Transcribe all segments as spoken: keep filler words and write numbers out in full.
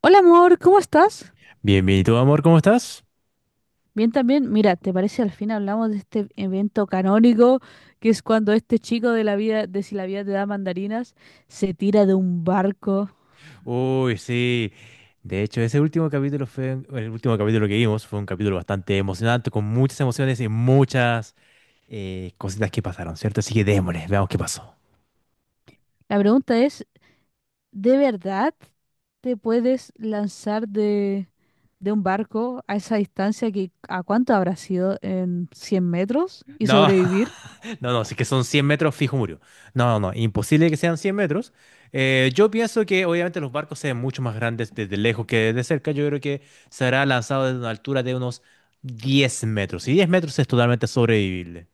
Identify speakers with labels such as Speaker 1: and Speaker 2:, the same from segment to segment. Speaker 1: Hola amor, ¿cómo estás?
Speaker 2: Bienvenido, amor, ¿cómo estás?
Speaker 1: Bien también. Mira, ¿te parece al fin hablamos de este evento canónico que es cuando este chico de la vida, de si la vida te da mandarinas, se tira de un barco?
Speaker 2: Uy, sí. De hecho, ese último capítulo fue, el último capítulo que vimos fue un capítulo bastante emocionante, con muchas emociones y muchas eh, cositas que pasaron, ¿cierto? Así que démosle, veamos qué pasó.
Speaker 1: La pregunta es, ¿de verdad te puedes lanzar de, de un barco a esa distancia que a cuánto habrá sido en cien metros y
Speaker 2: No,
Speaker 1: sobrevivir?
Speaker 2: no, no, si que son cien metros, fijo murió. No, no, no, imposible que sean cien metros. Eh, yo pienso que obviamente los barcos sean mucho más grandes desde lejos que desde cerca. Yo creo que será lanzado desde una altura de unos diez metros. Y diez metros es totalmente sobrevivible.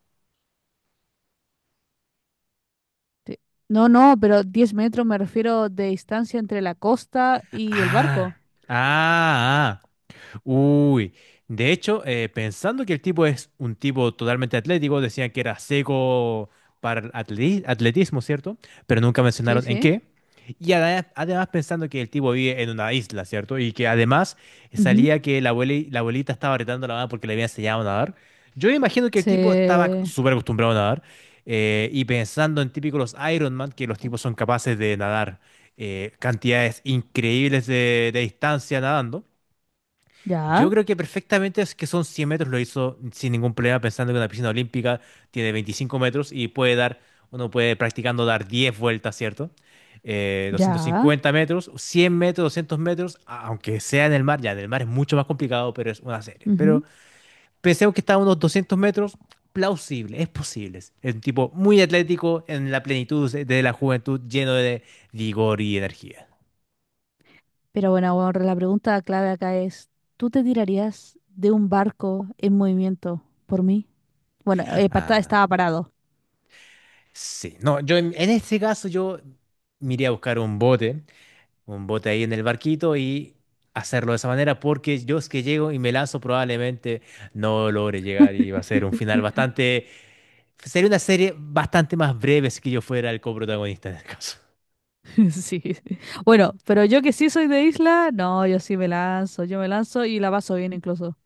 Speaker 1: Te- No, no, pero diez metros me refiero de distancia entre la costa y el
Speaker 2: Ah,
Speaker 1: barco.
Speaker 2: ah, ah. Uy, de hecho, eh, pensando que el tipo es un tipo totalmente atlético, decían que era seco para el atleti- atletismo, ¿cierto? Pero nunca
Speaker 1: Sí,
Speaker 2: mencionaron en
Speaker 1: sí.
Speaker 2: qué. Y ada- además pensando que el tipo vive en una isla, ¿cierto? Y que además
Speaker 1: Ujú.
Speaker 2: salía que la abueli- la abuelita estaba retando a la mamá porque le había enseñado a nadar. Yo imagino que el tipo estaba
Speaker 1: Se-
Speaker 2: súper acostumbrado a nadar. Eh, y pensando en típicos los Iron Man, que los tipos son capaces de nadar eh, cantidades increíbles de de distancia nadando. Yo
Speaker 1: Ya,
Speaker 2: creo que perfectamente es que son cien metros, lo hizo sin ningún problema, pensando que una piscina olímpica tiene veinticinco metros y puede dar, uno puede practicando dar diez vueltas, ¿cierto? Eh, doscientos
Speaker 1: ya.
Speaker 2: cincuenta metros, cien metros, doscientos metros, a- aunque sea en el mar, ya en el mar es mucho más complicado, pero es una serie. Pero
Speaker 1: Ujú.
Speaker 2: pensemos que está a unos doscientos metros, plausible, es posible. Es un tipo muy atlético en la plenitud de de la juventud, lleno de vigor y energía.
Speaker 1: Pero bueno, ahora la pregunta clave acá es, ¿tú te tirarías de un barco en movimiento por mí? Bueno, eh, pa-
Speaker 2: Ah.
Speaker 1: estaba parado.
Speaker 2: Sí, no, yo en, en este caso yo me iría a buscar un bote, un bote ahí en el barquito y hacerlo de esa manera porque yo es que llego y me lanzo probablemente no logre llegar y va a ser un final bastante, sería una serie bastante más breve si que yo fuera el coprotagonista en el caso.
Speaker 1: Sí. Bueno, pero yo que sí soy de isla, no, yo sí me lanzo, yo me lanzo y la paso bien incluso.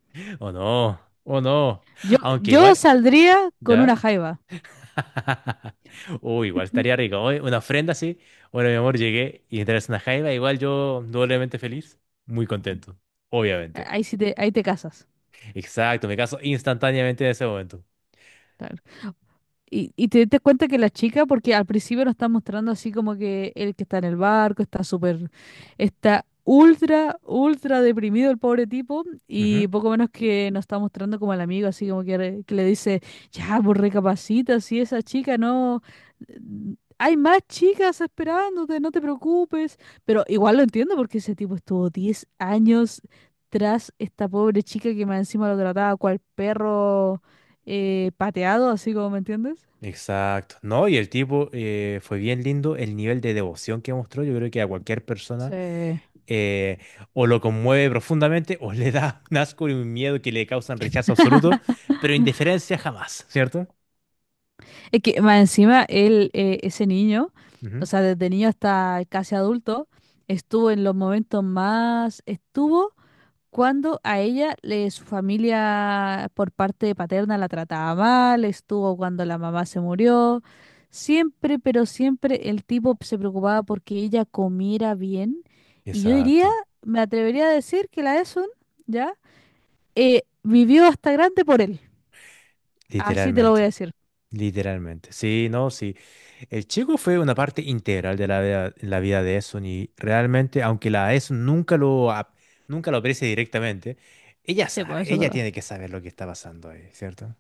Speaker 2: O no, o no,
Speaker 1: Yo,
Speaker 2: aunque
Speaker 1: yo
Speaker 2: igual,
Speaker 1: saldría con una
Speaker 2: ¿ya?
Speaker 1: jaiba.
Speaker 2: Uy, igual estaría rico. Oye, una ofrenda así, bueno mi amor, llegué y entras una jaiba, igual yo doblemente feliz, muy contento,
Speaker 1: A-
Speaker 2: obviamente.
Speaker 1: Ahí sí te, ahí te casas.
Speaker 2: Exacto, me caso instantáneamente en ese momento.
Speaker 1: Claro. Y, y te diste cuenta que la chica, porque al principio lo está mostrando así como que el que está en el barco está súper, está ultra, ultra deprimido el pobre tipo
Speaker 2: Ujú.
Speaker 1: y poco menos que nos está mostrando como al amigo, así como que, re- que le dice, ya, pues recapacita, si esa chica no, n- hay más chicas esperándote, no te preocupes, pero igual lo entiendo porque ese tipo estuvo diez años tras esta pobre chica que más encima lo trataba cual perro eh, pateado, así como, ¿me entiendes?
Speaker 2: Exacto. No, y el tipo eh, fue bien lindo el nivel de devoción que mostró. Yo creo que a cualquier persona
Speaker 1: Sí.
Speaker 2: eh, o lo conmueve profundamente o le da un asco y un miedo que le causan rechazo absoluto, pero indiferencia jamás, ¿cierto?
Speaker 1: Es que más encima él, eh, ese niño, o
Speaker 2: Ujú.
Speaker 1: sea, desde niño hasta casi adulto, estuvo en los momentos más, estuvo cuando a ella, le, su familia por parte paterna la trataba mal, estuvo cuando la mamá se murió. Siempre, pero siempre el tipo se preocupaba porque ella comiera bien. Y yo diría,
Speaker 2: Exacto,
Speaker 1: me atrevería a decir que la Esun, ¿ya? Eh, vivió hasta grande por él. Así te lo voy a
Speaker 2: literalmente.
Speaker 1: decir.
Speaker 2: Literalmente, sí, no, sí. El chico fue una parte integral de la vida, la vida de Eson y realmente, aunque la Eson nunca lo, ap- nunca lo aprecie directamente, ella
Speaker 1: Sí,
Speaker 2: sabe,
Speaker 1: pues eso es
Speaker 2: ella
Speaker 1: verdad.
Speaker 2: tiene que saber lo que está pasando ahí, cierto.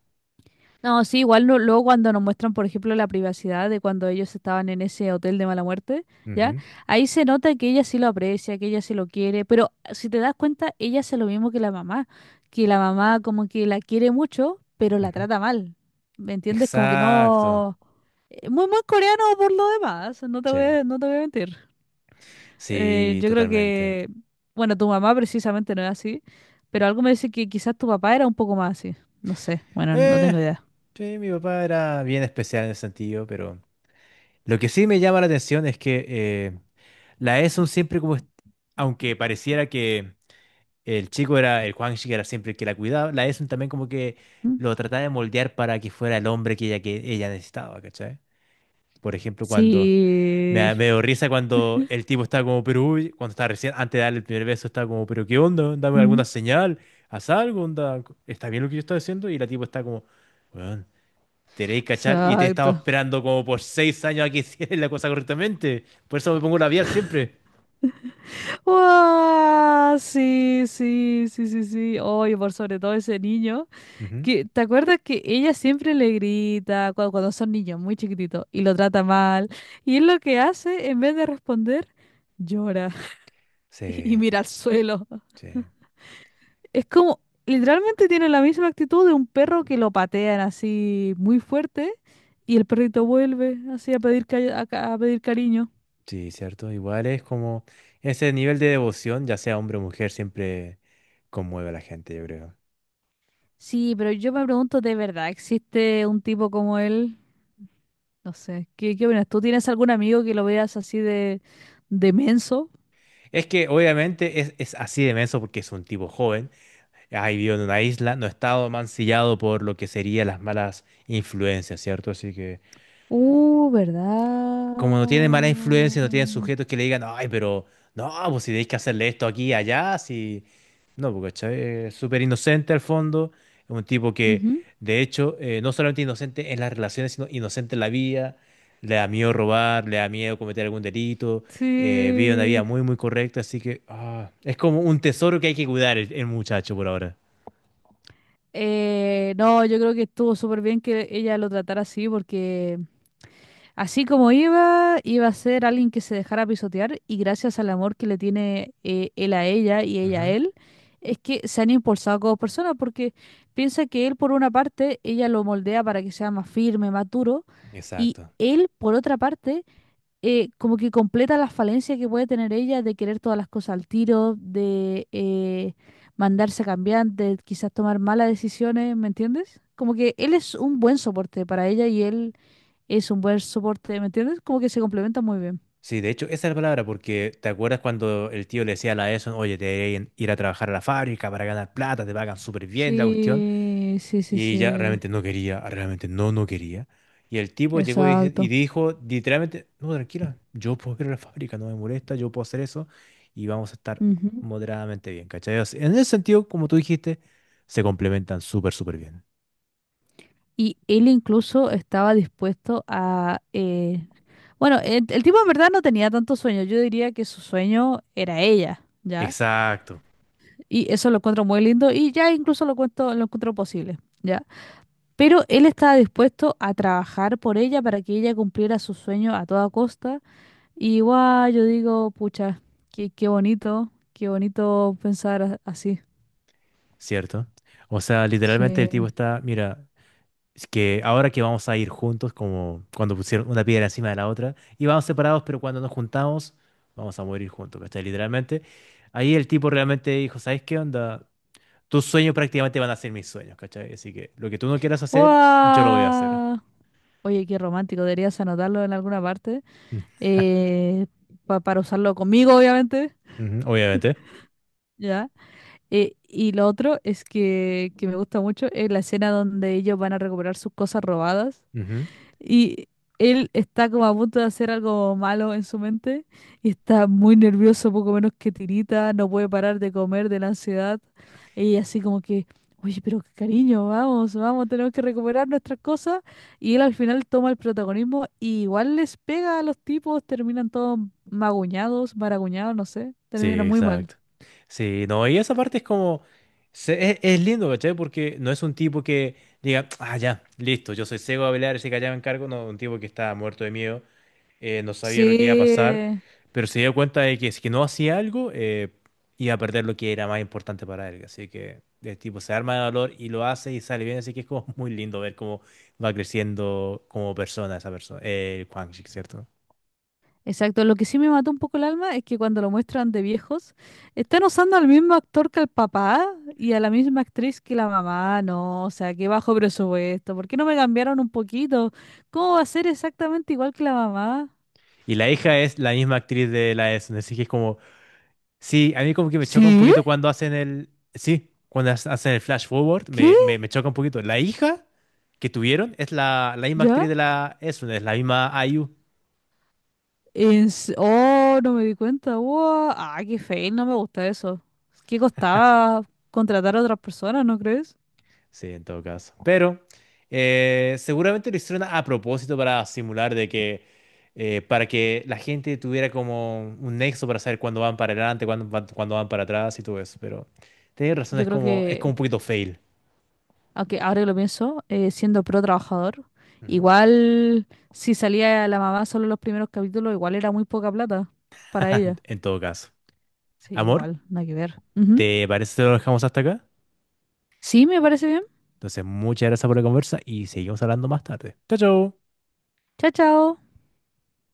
Speaker 1: No, sí, igual no- luego cuando nos muestran, por ejemplo, la privacidad de cuando ellos estaban en ese hotel de mala muerte, ¿ya?
Speaker 2: Ujú,
Speaker 1: Ahí se nota que ella sí lo aprecia, que ella sí lo quiere, pero ah, si te das cuenta, ella hace lo mismo que la mamá, que la mamá como que la quiere mucho, pero la
Speaker 2: ujú.
Speaker 1: trata mal. ¿Me entiendes? Como que
Speaker 2: Exacto,
Speaker 1: no... eh, muy mal coreano por lo demás, no te voy
Speaker 2: sí,
Speaker 1: a, no te voy a mentir. Eh,
Speaker 2: sí,
Speaker 1: yo creo
Speaker 2: totalmente.
Speaker 1: que, bueno, tu mamá precisamente no es así, pero algo me dice que quizás tu papá era un poco más así. No sé, bueno, no
Speaker 2: Eh,
Speaker 1: tengo idea.
Speaker 2: sí, mi papá era bien especial en ese sentido, pero lo que sí me llama la atención es que eh, la Eson siempre como, est- aunque pareciera que El chico era, el Juan era siempre el que la cuidaba. La Esun también como que
Speaker 1: ¿Mm?
Speaker 2: lo trataba de moldear para que fuera el hombre que ella, que ella necesitaba, ¿cachai? Por ejemplo, cuando me,
Speaker 1: Sí.
Speaker 2: da- me dio risa cuando el tipo estaba como, pero uy, cuando estaba recién, antes de darle el primer beso, estaba como, pero ¿qué onda? Dame
Speaker 1: Mm.
Speaker 2: alguna señal, haz algo, onda, ¿está bien lo que yo estoy haciendo? Y la tipo está como, weón, te queréis cachar y te he estado
Speaker 1: Exacto.
Speaker 2: esperando como por seis años a que hicieras la cosa correctamente. Por eso me pongo labial siempre.
Speaker 1: Wow. Sí, sí, sí, sí, sí. Oye, por sobre todo ese niño,
Speaker 2: Ujú.
Speaker 1: que ¿te acuerdas que ella siempre le grita cuando, cuando son niños muy chiquititos y lo trata mal? Y él lo que hace, en vez de responder, llora y
Speaker 2: Sí,
Speaker 1: mira al suelo.
Speaker 2: sí.
Speaker 1: Es como, literalmente tiene la misma actitud de un perro que lo patean así muy fuerte y el perrito vuelve así a pedir, cari- a, ca- a pedir cariño.
Speaker 2: Sí, cierto. Igual es como ese nivel de devoción, ya sea hombre o mujer, siempre conmueve a la gente, yo creo.
Speaker 1: Sí, pero yo me pregunto, ¿de verdad existe un tipo como él? No sé, ¿qué, qué opinas? ¿Tú tienes algún amigo que lo veas así de, de menso?
Speaker 2: Es que obviamente es, es así de menso porque es un tipo joven, ha vivido en una isla, no ha estado mancillado por lo que serían las malas influencias, ¿cierto? Así que
Speaker 1: Uh,
Speaker 2: como no tiene
Speaker 1: ¿verdad?
Speaker 2: mala influencia, no tienen sujetos que le digan, ay, pero no, pues si tenéis que hacerle esto aquí y allá, si... No, porque ¿cachai? Es súper inocente al fondo, es un tipo que,
Speaker 1: Ujú.
Speaker 2: de hecho, eh, no solamente inocente en las relaciones, sino inocente en la vida, le da miedo robar, le da miedo cometer algún delito, eh, vive una vida
Speaker 1: Sí.
Speaker 2: muy, muy correcta, así que ah, es como un tesoro que hay que cuidar el, el muchacho por ahora.
Speaker 1: Eh, no, yo creo que estuvo súper bien que ella lo tratara así porque... Así como iba, iba a ser alguien que se dejara pisotear y gracias al amor que le tiene eh, él a ella y ella a
Speaker 2: Ujú.
Speaker 1: él, es que se han impulsado como personas porque piensa que él por una parte, ella lo moldea para que sea más firme, más duro y
Speaker 2: Exacto.
Speaker 1: él por otra parte, eh, como que completa la falencia que puede tener ella de querer todas las cosas al tiro, de eh, mandarse a cambiar, de quizás tomar malas decisiones, ¿me entiendes? Como que él es un buen soporte para ella y él es un buen soporte, ¿me entiendes? Como que se complementa muy bien.
Speaker 2: Sí, de hecho, esa es la palabra, porque ¿te acuerdas cuando el tío le decía a la Edison, oye, te deberían ir a trabajar a la fábrica para ganar plata, te pagan súper bien la cuestión?
Speaker 1: Sí, sí, sí,
Speaker 2: Y ella
Speaker 1: sí,
Speaker 2: realmente no quería, realmente no, no quería. Y el tipo llegó y, dice- y
Speaker 1: exacto.
Speaker 2: dijo, literalmente, no, tranquila, yo puedo ir a la fábrica, no me molesta, yo puedo hacer eso y vamos a estar
Speaker 1: Ujú.
Speaker 2: moderadamente bien, ¿cachai? O sea, en ese sentido, como tú dijiste, se complementan súper, súper bien.
Speaker 1: Y él incluso estaba dispuesto a... eh, bueno, el, el tipo en verdad no tenía tanto sueño, yo diría que su sueño era ella, ¿ya?
Speaker 2: Exacto,
Speaker 1: Y eso lo encuentro muy lindo y ya incluso lo cuento, lo encuentro posible, ¿ya? Pero él estaba dispuesto a trabajar por ella para que ella cumpliera su sueño a toda costa. Y igual yo digo, pucha, qué, qué bonito, qué bonito pensar a- así.
Speaker 2: ¿cierto? O sea, literalmente el tipo
Speaker 1: Sí.
Speaker 2: está, mira, es que ahora que vamos a ir juntos, como cuando pusieron una piedra encima de la otra, íbamos separados, pero cuando nos juntamos, vamos a morir juntos, ¿cachai? Literalmente. Ahí el tipo realmente dijo, ¿sabes qué onda? Tus sueños prácticamente van a ser mis sueños, ¿cachai? Así que lo que tú no quieras hacer, yo lo voy a hacer.
Speaker 1: ¡Guau! Oye, qué romántico, deberías anotarlo en alguna parte eh, pa- para usarlo conmigo, obviamente.
Speaker 2: Ujú, obviamente.
Speaker 1: ¿Ya? Eh, y lo otro es que, que me gusta mucho es la escena donde ellos van a recuperar sus cosas robadas.
Speaker 2: Ujú.
Speaker 1: Y él está como a punto de hacer algo malo en su mente y está muy nervioso, poco menos que tirita, no puede parar de comer de la ansiedad. Y así como que, oye, pero cariño, vamos, vamos, tenemos que recuperar nuestras cosas. Y él al final toma el protagonismo y igual les pega a los tipos, terminan todos maguñados, maraguñados, no sé,
Speaker 2: Sí,
Speaker 1: termina muy mal.
Speaker 2: exacto. Sí, no, y esa parte es como, se- es, es lindo, ¿cachai? Porque no es un tipo que diga, ah, ya, listo, yo soy ciego a pelear, así que allá me encargo, no, un tipo que está muerto de miedo eh, no sabía lo que iba a
Speaker 1: Sí,
Speaker 2: pasar, pero se dio cuenta de que si que no hacía algo, eh, iba a perder lo que era más importante para él. Así que el tipo se arma de valor y lo hace y sale bien, así que es como muy lindo ver cómo va creciendo como persona esa persona, eh, Quang Shi, ¿cierto?
Speaker 1: exacto, lo que sí me mató un poco el alma es que cuando lo muestran de viejos, están usando al mismo actor que el papá y a la misma actriz que la mamá, no, o sea, qué bajo presupuesto, ¿por qué no me cambiaron un poquito? ¿Cómo va a ser exactamente igual que la mamá?
Speaker 2: Y la hija es la misma actriz de la Essen, así que es como, sí, a mí como que me choca un
Speaker 1: ¿Sí?
Speaker 2: poquito cuando hacen el, sí, cuando ha- hacen el flash forward,
Speaker 1: ¿Qué?
Speaker 2: me, me, me choca un poquito. La hija que tuvieron es la, la misma
Speaker 1: ¿Ya?
Speaker 2: actriz de la Essen, es la misma I U.
Speaker 1: En s- Oh, no me di cuenta, wow, ah, qué feo, no me gusta eso. ¿Qué costaba contratar a otras personas, no crees?
Speaker 2: Sí, en todo caso. Pero eh, seguramente lo hicieron a propósito para simular de que, eh, para que la gente tuviera como un nexo para saber cuándo van para adelante, cuándo van, cuándo van para atrás y todo eso. Pero tienes razón,
Speaker 1: Yo
Speaker 2: es
Speaker 1: creo
Speaker 2: como, es como
Speaker 1: que
Speaker 2: un poquito fail.
Speaker 1: aunque ahora que lo pienso, eh, siendo pro trabajador,
Speaker 2: Ujú.
Speaker 1: igual si salía la mamá solo los primeros capítulos, igual era muy poca plata para ella.
Speaker 2: En todo caso.
Speaker 1: Sí,
Speaker 2: Amor,
Speaker 1: igual, nada que ver. Ujú.
Speaker 2: ¿te parece que lo dejamos hasta acá?
Speaker 1: Sí, me parece bien.
Speaker 2: Entonces, muchas gracias por la conversa y seguimos hablando más tarde. Chao, chao.
Speaker 1: Chao, chao.